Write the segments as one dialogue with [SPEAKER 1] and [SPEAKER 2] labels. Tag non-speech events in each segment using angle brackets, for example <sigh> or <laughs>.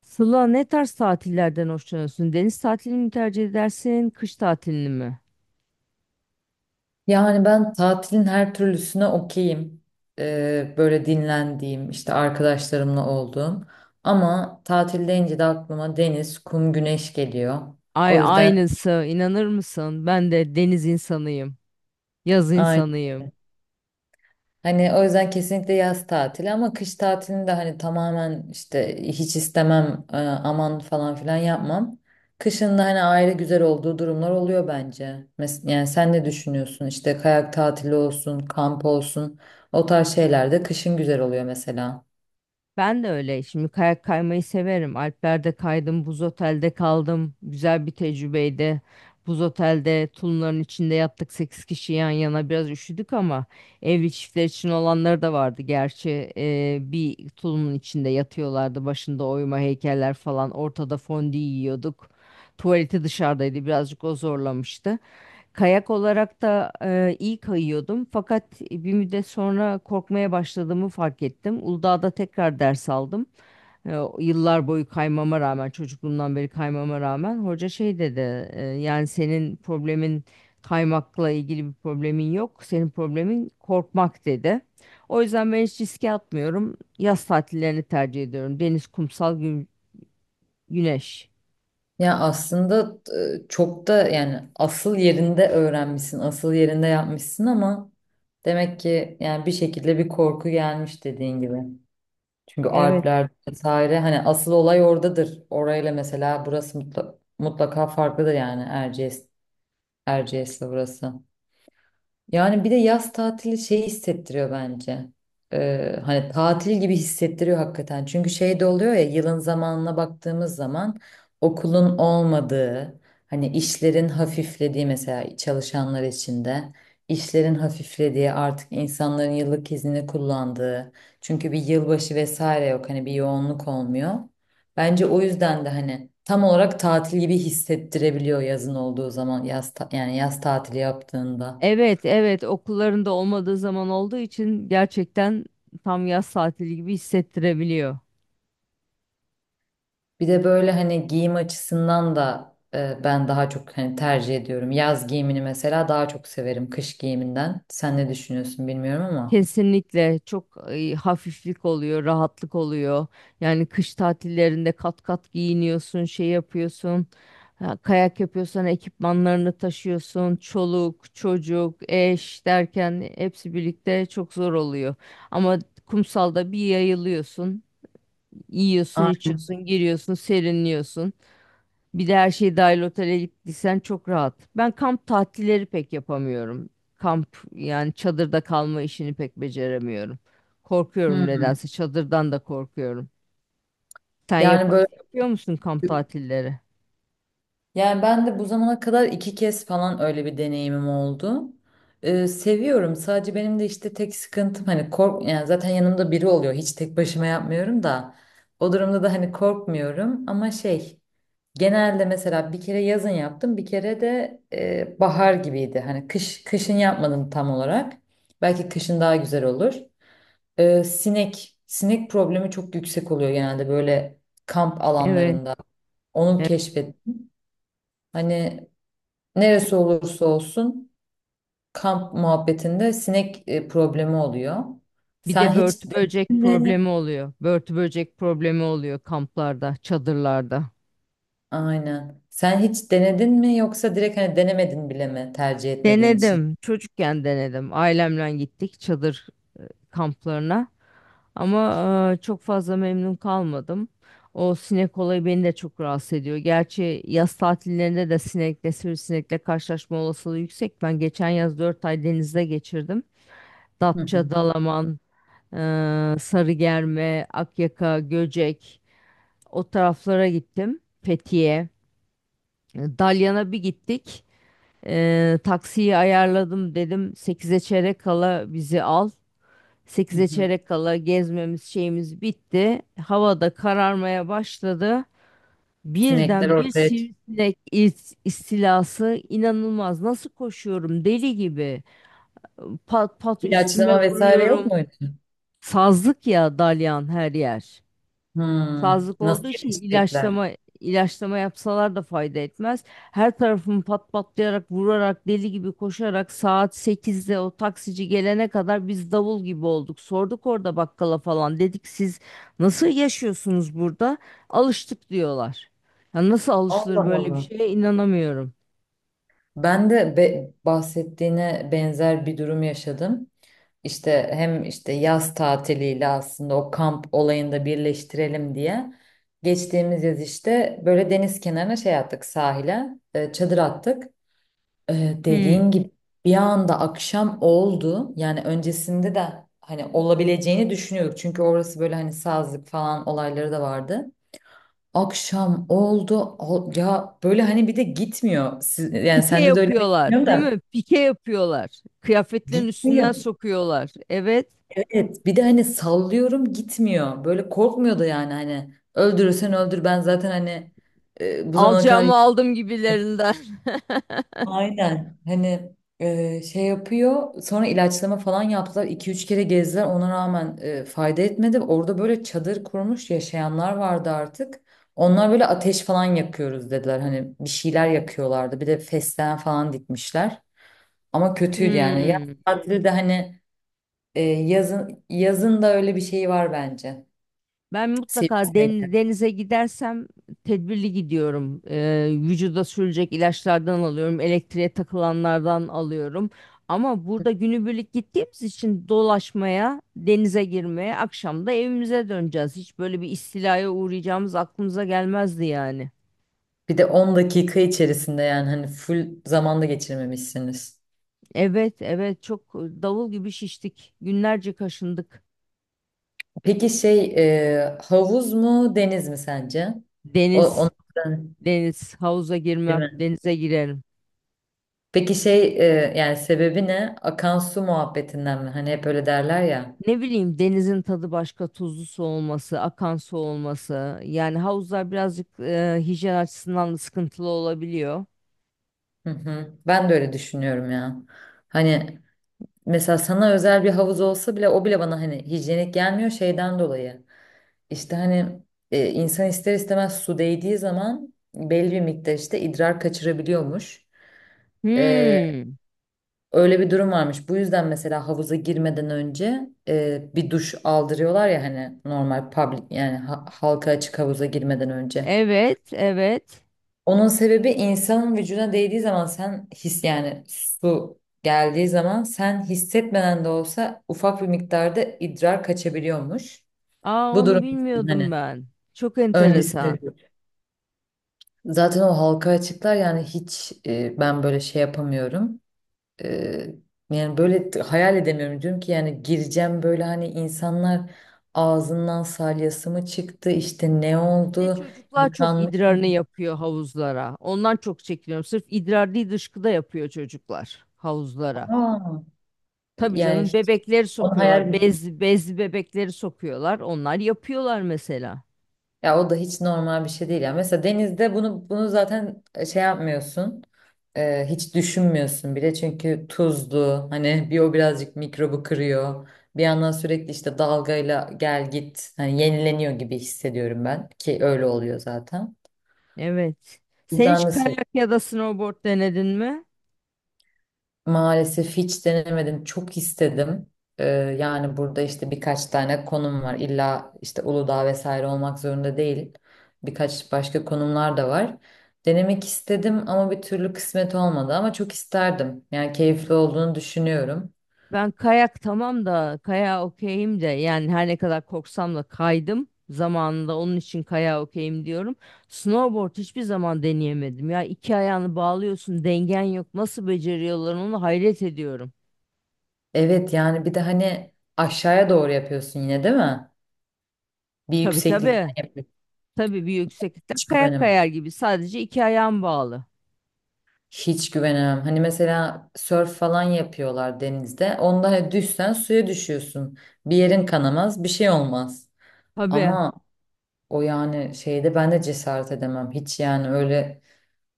[SPEAKER 1] Sıla ne tarz tatillerden hoşlanıyorsun? Deniz tatilini mi tercih edersin, kış tatilini mi?
[SPEAKER 2] Yani ben tatilin her türlüsüne okeyim. Böyle dinlendiğim, işte arkadaşlarımla olduğum. Ama tatil deyince de aklıma deniz, kum, güneş geliyor. O
[SPEAKER 1] Ay
[SPEAKER 2] yüzden
[SPEAKER 1] aynısı, inanır mısın? Ben de deniz insanıyım, yaz
[SPEAKER 2] aynı.
[SPEAKER 1] insanıyım.
[SPEAKER 2] Hani o yüzden kesinlikle yaz tatili ama kış tatilini de hani tamamen işte hiç istemem, aman falan filan yapmam. Kışın da hani ayrı güzel olduğu durumlar oluyor bence. Yani sen ne düşünüyorsun? İşte kayak tatili olsun, kamp olsun. O tarz şeyler de kışın güzel oluyor mesela.
[SPEAKER 1] Ben de öyle. Şimdi kayak kaymayı severim. Alplerde kaydım, buz otelde kaldım. Güzel bir tecrübeydi. Buz otelde tulumların içinde yattık 8 kişi yan yana. Biraz üşüdük ama evli çiftler için olanları da vardı. Gerçi bir tulumun içinde yatıyorlardı. Başında oyma heykeller falan. Ortada fondü yiyorduk. Tuvaleti dışarıdaydı. Birazcık o zorlamıştı. Kayak olarak da iyi kayıyordum fakat bir müddet sonra korkmaya başladığımı fark ettim. Uludağ'da tekrar ders aldım. O yıllar boyu kaymama rağmen, çocukluğumdan beri kaymama rağmen hoca şey dedi. Yani senin problemin kaymakla ilgili bir problemin yok. Senin problemin korkmak dedi. O yüzden ben hiç riske atmıyorum. Yaz tatillerini tercih ediyorum. Deniz, kumsal, güneş.
[SPEAKER 2] Ya aslında çok da yani asıl yerinde öğrenmişsin, asıl yerinde yapmışsın ama demek ki yani bir şekilde bir korku gelmiş dediğin gibi. Çünkü
[SPEAKER 1] Evet.
[SPEAKER 2] Alpler vesaire hani asıl olay oradadır. Orayla mesela burası mutlaka farklıdır yani Erciyes'le burası. Yani bir de yaz tatili şey hissettiriyor bence. Hani tatil gibi hissettiriyor hakikaten. Çünkü şey de oluyor ya yılın zamanına baktığımız zaman okulun olmadığı, hani işlerin hafiflediği mesela çalışanlar için de işlerin hafiflediği artık insanların yıllık iznini kullandığı. Çünkü bir yılbaşı vesaire yok hani bir yoğunluk olmuyor. Bence o yüzden de hani tam olarak tatil gibi hissettirebiliyor yazın olduğu zaman yani yaz tatili yaptığında.
[SPEAKER 1] Evet, evet okullarında olmadığı zaman olduğu için gerçekten tam yaz tatili gibi hissettirebiliyor.
[SPEAKER 2] Bir de böyle hani giyim açısından da ben daha çok hani tercih ediyorum. Yaz giyimini mesela daha çok severim kış giyiminden. Sen ne düşünüyorsun bilmiyorum ama.
[SPEAKER 1] Kesinlikle çok hafiflik oluyor, rahatlık oluyor. Yani kış tatillerinde kat kat giyiniyorsun, şey yapıyorsun. Ha, kayak yapıyorsan ekipmanlarını taşıyorsun. Çoluk, çocuk, eş derken hepsi birlikte çok zor oluyor. Ama kumsalda bir yayılıyorsun, yiyorsun,
[SPEAKER 2] Ay,
[SPEAKER 1] içiyorsun, giriyorsun, serinliyorsun. Bir de her şey dahil otele gittiysen çok rahat. Ben kamp tatilleri pek yapamıyorum. Kamp yani çadırda kalma işini pek beceremiyorum. Korkuyorum
[SPEAKER 2] hı.
[SPEAKER 1] nedense çadırdan da korkuyorum. Sen
[SPEAKER 2] Yani böyle
[SPEAKER 1] yapıyor musun kamp tatilleri?
[SPEAKER 2] yani ben de bu zamana kadar 2 kez falan öyle bir deneyimim oldu. Seviyorum. Sadece benim de işte tek sıkıntım hani yani zaten yanımda biri oluyor. Hiç tek başıma yapmıyorum da. O durumda da hani korkmuyorum ama şey. Genelde mesela bir kere yazın yaptım, bir kere de bahar gibiydi. Hani kışın yapmadım tam olarak. Belki kışın daha güzel olur. Sinek problemi çok yüksek oluyor genelde böyle kamp
[SPEAKER 1] Evet,
[SPEAKER 2] alanlarında. Onu
[SPEAKER 1] evet.
[SPEAKER 2] keşfettim. Hani neresi olursa olsun kamp muhabbetinde sinek problemi oluyor.
[SPEAKER 1] Bir
[SPEAKER 2] Sen
[SPEAKER 1] de
[SPEAKER 2] hiç
[SPEAKER 1] börtü böcek
[SPEAKER 2] denedin mi?
[SPEAKER 1] problemi oluyor. Börtü böcek problemi oluyor kamplarda, çadırlarda.
[SPEAKER 2] Aynen. Sen hiç denedin mi yoksa direkt hani denemedin bile mi tercih etmediğin için?
[SPEAKER 1] Denedim. Çocukken denedim. Ailemle gittik. Çadır kamplarına. Ama çok fazla memnun kalmadım. O sinek olayı beni de çok rahatsız ediyor. Gerçi yaz tatillerinde de sinekle, sivrisinekle karşılaşma olasılığı yüksek. Ben geçen yaz 4 ay denizde geçirdim.
[SPEAKER 2] Hı hı.
[SPEAKER 1] Datça, Dalaman, e, Sarıgerme, Akyaka, Göcek o taraflara gittim. Fethiye, Dalyan'a bir gittik. Taksiyi ayarladım dedim sekize çeyrek kala bizi al.
[SPEAKER 2] Hı
[SPEAKER 1] 8'e
[SPEAKER 2] hı.
[SPEAKER 1] çeyrek kala gezmemiz şeyimiz bitti. Havada kararmaya başladı.
[SPEAKER 2] Sinekler
[SPEAKER 1] Birden bir
[SPEAKER 2] ortaya çıktı.
[SPEAKER 1] sivrisinek istilası inanılmaz. Nasıl koşuyorum deli gibi. Pat pat üstüme
[SPEAKER 2] İlaçlama vesaire yok
[SPEAKER 1] vuruyorum.
[SPEAKER 2] muydu?
[SPEAKER 1] Sazlık ya dalyan her yer.
[SPEAKER 2] Hmm,
[SPEAKER 1] Sazlık
[SPEAKER 2] nasıl
[SPEAKER 1] olduğu için
[SPEAKER 2] yetişecekler?
[SPEAKER 1] ilaçlama yapsalar da fayda etmez. Her tarafımı pat patlayarak, vurarak, deli gibi koşarak saat 8'de o taksici gelene kadar biz davul gibi olduk. Sorduk orada bakkala falan. Dedik siz nasıl yaşıyorsunuz burada? Alıştık diyorlar. Ya nasıl alışılır
[SPEAKER 2] Allah
[SPEAKER 1] böyle bir
[SPEAKER 2] Allah.
[SPEAKER 1] şeye inanamıyorum.
[SPEAKER 2] Ben de bahsettiğine benzer bir durum yaşadım. İşte hem işte yaz tatiliyle aslında o kamp olayında birleştirelim diye. Geçtiğimiz yaz işte böyle deniz kenarına şey attık sahile, çadır attık.
[SPEAKER 1] Hmm.
[SPEAKER 2] Dediğin gibi bir anda akşam oldu. Yani öncesinde de hani olabileceğini düşünüyorduk. Çünkü orası böyle hani sazlık falan olayları da vardı. Akşam oldu. Ya böyle hani bir de gitmiyor. Yani
[SPEAKER 1] Pike
[SPEAKER 2] sende de öyle mi bilmiyorum
[SPEAKER 1] yapıyorlar, değil
[SPEAKER 2] da.
[SPEAKER 1] mi? Pike yapıyorlar. Kıyafetlerin üstünden
[SPEAKER 2] Gitmiyor.
[SPEAKER 1] sokuyorlar. Evet.
[SPEAKER 2] Evet. Bir de hani sallıyorum gitmiyor. Böyle korkmuyordu yani hani. Öldürürsen öldür ben zaten hani bu zamana kadar.
[SPEAKER 1] Alacağımı aldım gibilerinden. <laughs>
[SPEAKER 2] Aynen. Hani şey yapıyor. Sonra ilaçlama falan yaptılar. İki üç kere gezdiler. Ona rağmen fayda etmedi. Orada böyle çadır kurmuş yaşayanlar vardı artık. Onlar böyle ateş falan yakıyoruz dediler. Hani bir şeyler yakıyorlardı. Bir de fesleğen falan dikmişler. Ama kötüydü yani. Yaz
[SPEAKER 1] Hmm.
[SPEAKER 2] tatili de hani yazın yazın da öyle bir şey var bence.
[SPEAKER 1] Ben mutlaka
[SPEAKER 2] Sivrisinekler.
[SPEAKER 1] denize gidersem tedbirli gidiyorum. Vücuda sürülecek ilaçlardan alıyorum, elektriğe takılanlardan alıyorum. Ama burada günübirlik gittiğimiz için dolaşmaya, denize girmeye, akşam da evimize döneceğiz. Hiç böyle bir istilaya uğrayacağımız aklımıza gelmezdi yani.
[SPEAKER 2] Bir de 10 dakika içerisinde yani hani full zamanda geçirmemişsiniz.
[SPEAKER 1] Evet, evet çok davul gibi şiştik. Günlerce kaşındık.
[SPEAKER 2] Peki şey havuz mu deniz mi sence?
[SPEAKER 1] Deniz,
[SPEAKER 2] Ondan
[SPEAKER 1] deniz, havuza
[SPEAKER 2] değil
[SPEAKER 1] girmem,
[SPEAKER 2] mi?
[SPEAKER 1] denize girerim.
[SPEAKER 2] Peki şey yani sebebi ne? Akan su muhabbetinden mi? Hani hep öyle derler ya.
[SPEAKER 1] Ne bileyim denizin tadı başka, tuzlu su olması, akan su olması. Yani havuzlar birazcık hijyen açısından da sıkıntılı olabiliyor.
[SPEAKER 2] Hı hı. Ben de öyle düşünüyorum ya. Hani mesela sana özel bir havuz olsa bile o bile bana hani hijyenik gelmiyor şeyden dolayı. İşte hani insan ister istemez su değdiği zaman belli bir miktar işte idrar kaçırabiliyormuş. E,
[SPEAKER 1] Hmm,
[SPEAKER 2] Öyle bir durum varmış. Bu yüzden mesela havuza girmeden önce bir duş aldırıyorlar ya hani normal public yani halka açık havuza girmeden önce.
[SPEAKER 1] evet, evet.
[SPEAKER 2] Onun sebebi insanın vücuduna değdiği zaman sen yani su geldiği zaman sen hissetmeden de olsa ufak bir miktarda idrar kaçabiliyormuş.
[SPEAKER 1] Aa
[SPEAKER 2] Bu
[SPEAKER 1] onu
[SPEAKER 2] durum için
[SPEAKER 1] bilmiyordum
[SPEAKER 2] hani
[SPEAKER 1] ben. Çok enteresan.
[SPEAKER 2] öncesinde diyor. Zaten o halka açıklar yani hiç ben böyle şey yapamıyorum. Eee, yani böyle hayal edemiyorum. Diyorum ki yani gireceğim böyle hani insanlar ağzından salyası mı çıktı işte ne
[SPEAKER 1] Bir de
[SPEAKER 2] oldu
[SPEAKER 1] çocuklar çok
[SPEAKER 2] yıkanmış
[SPEAKER 1] idrarını
[SPEAKER 2] mı?
[SPEAKER 1] yapıyor havuzlara. Ondan çok çekiniyorum. Sırf idrar değil dışkı da yapıyor çocuklar havuzlara.
[SPEAKER 2] Aa,
[SPEAKER 1] Tabii
[SPEAKER 2] yani
[SPEAKER 1] canım
[SPEAKER 2] hiç
[SPEAKER 1] bebekleri
[SPEAKER 2] onu
[SPEAKER 1] sokuyorlar.
[SPEAKER 2] hayal.
[SPEAKER 1] Bez, bezli bebekleri sokuyorlar. Onlar yapıyorlar mesela.
[SPEAKER 2] Ya, o da hiç normal bir şey değil. Ya mesela denizde bunu zaten şey yapmıyorsun. Hiç düşünmüyorsun bile çünkü tuzlu hani bir o birazcık mikrobu kırıyor. Bir yandan sürekli işte dalgayla gel git hani yenileniyor gibi hissediyorum ben ki öyle oluyor zaten.
[SPEAKER 1] Evet. Sen
[SPEAKER 2] Ben
[SPEAKER 1] hiç
[SPEAKER 2] de
[SPEAKER 1] kayak ya da snowboard denedin mi?
[SPEAKER 2] maalesef hiç denemedim. Çok istedim. Ee, yani burada işte birkaç tane konum var. İlla işte Uludağ vesaire olmak zorunda değil. Birkaç başka konumlar da var. Denemek istedim ama bir türlü kısmet olmadı ama çok isterdim. Yani keyifli olduğunu düşünüyorum.
[SPEAKER 1] Ben kayak tamam da kayağa okeyim de yani her ne kadar korksam da kaydım zamanında onun için kayağa okeyim diyorum. Snowboard hiçbir zaman deneyemedim ya iki ayağını bağlıyorsun dengen yok nasıl beceriyorlar onu hayret ediyorum.
[SPEAKER 2] Evet yani bir de hani aşağıya doğru yapıyorsun yine değil mi? Bir
[SPEAKER 1] Tabii
[SPEAKER 2] yükseklikten
[SPEAKER 1] tabii
[SPEAKER 2] yapıyorsun.
[SPEAKER 1] tabii bir yükseklikte
[SPEAKER 2] Hiç
[SPEAKER 1] kayak
[SPEAKER 2] güvenim.
[SPEAKER 1] kayar gibi sadece iki ayağın bağlı.
[SPEAKER 2] Hiç güvenemem. Hani mesela sörf falan yapıyorlar denizde. Onda hani düşsen suya düşüyorsun. Bir yerin kanamaz, bir şey olmaz.
[SPEAKER 1] Tabii.
[SPEAKER 2] Ama o yani şeyde ben de cesaret edemem. Hiç yani öyle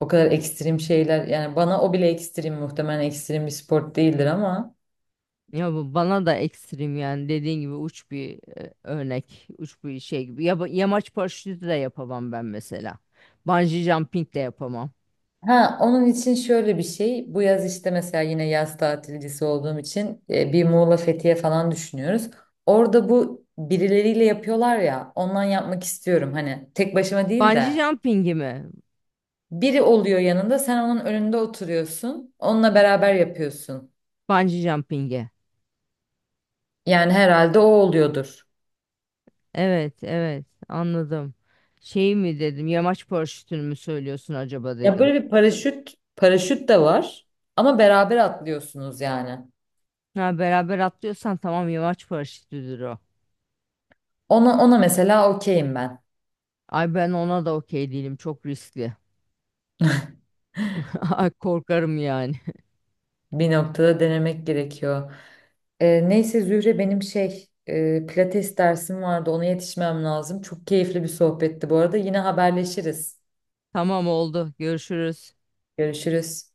[SPEAKER 2] o kadar ekstrem şeyler yani bana o bile ekstrem muhtemelen ekstrem bir spor değildir ama.
[SPEAKER 1] Ya bu bana da ekstrem yani dediğin gibi uç bir örnek, uç bir şey gibi. Ya, yamaç paraşütü de yapamam ben mesela. Bungee jumping de yapamam.
[SPEAKER 2] Ha, onun için şöyle bir şey. Bu yaz işte mesela yine yaz tatilcisi olduğum için bir Muğla Fethiye falan düşünüyoruz. Orada bu birileriyle yapıyorlar ya. Ondan yapmak istiyorum. Hani tek başıma değil
[SPEAKER 1] Bungee
[SPEAKER 2] de
[SPEAKER 1] jumping'i mi?
[SPEAKER 2] biri oluyor yanında, sen onun önünde oturuyorsun. Onunla beraber yapıyorsun.
[SPEAKER 1] Bungee jumping'i.
[SPEAKER 2] Yani herhalde o oluyordur.
[SPEAKER 1] Evet, evet anladım. Şey mi dedim, yamaç paraşütünü mü söylüyorsun acaba
[SPEAKER 2] Ya
[SPEAKER 1] dedim.
[SPEAKER 2] böyle bir paraşüt, paraşüt de var ama beraber atlıyorsunuz yani.
[SPEAKER 1] Ha beraber atlıyorsan tamam yamaç paraşütüdür o.
[SPEAKER 2] Ona mesela okeyim ben.
[SPEAKER 1] Ay ben ona da okey değilim, çok riskli. <laughs> Ay korkarım yani.
[SPEAKER 2] Bir noktada denemek gerekiyor. Neyse Zühre benim şey pilates dersim vardı ona yetişmem lazım. Çok keyifli bir sohbetti bu arada. Yine haberleşiriz.
[SPEAKER 1] <laughs> Tamam oldu, görüşürüz.
[SPEAKER 2] Görüşürüz.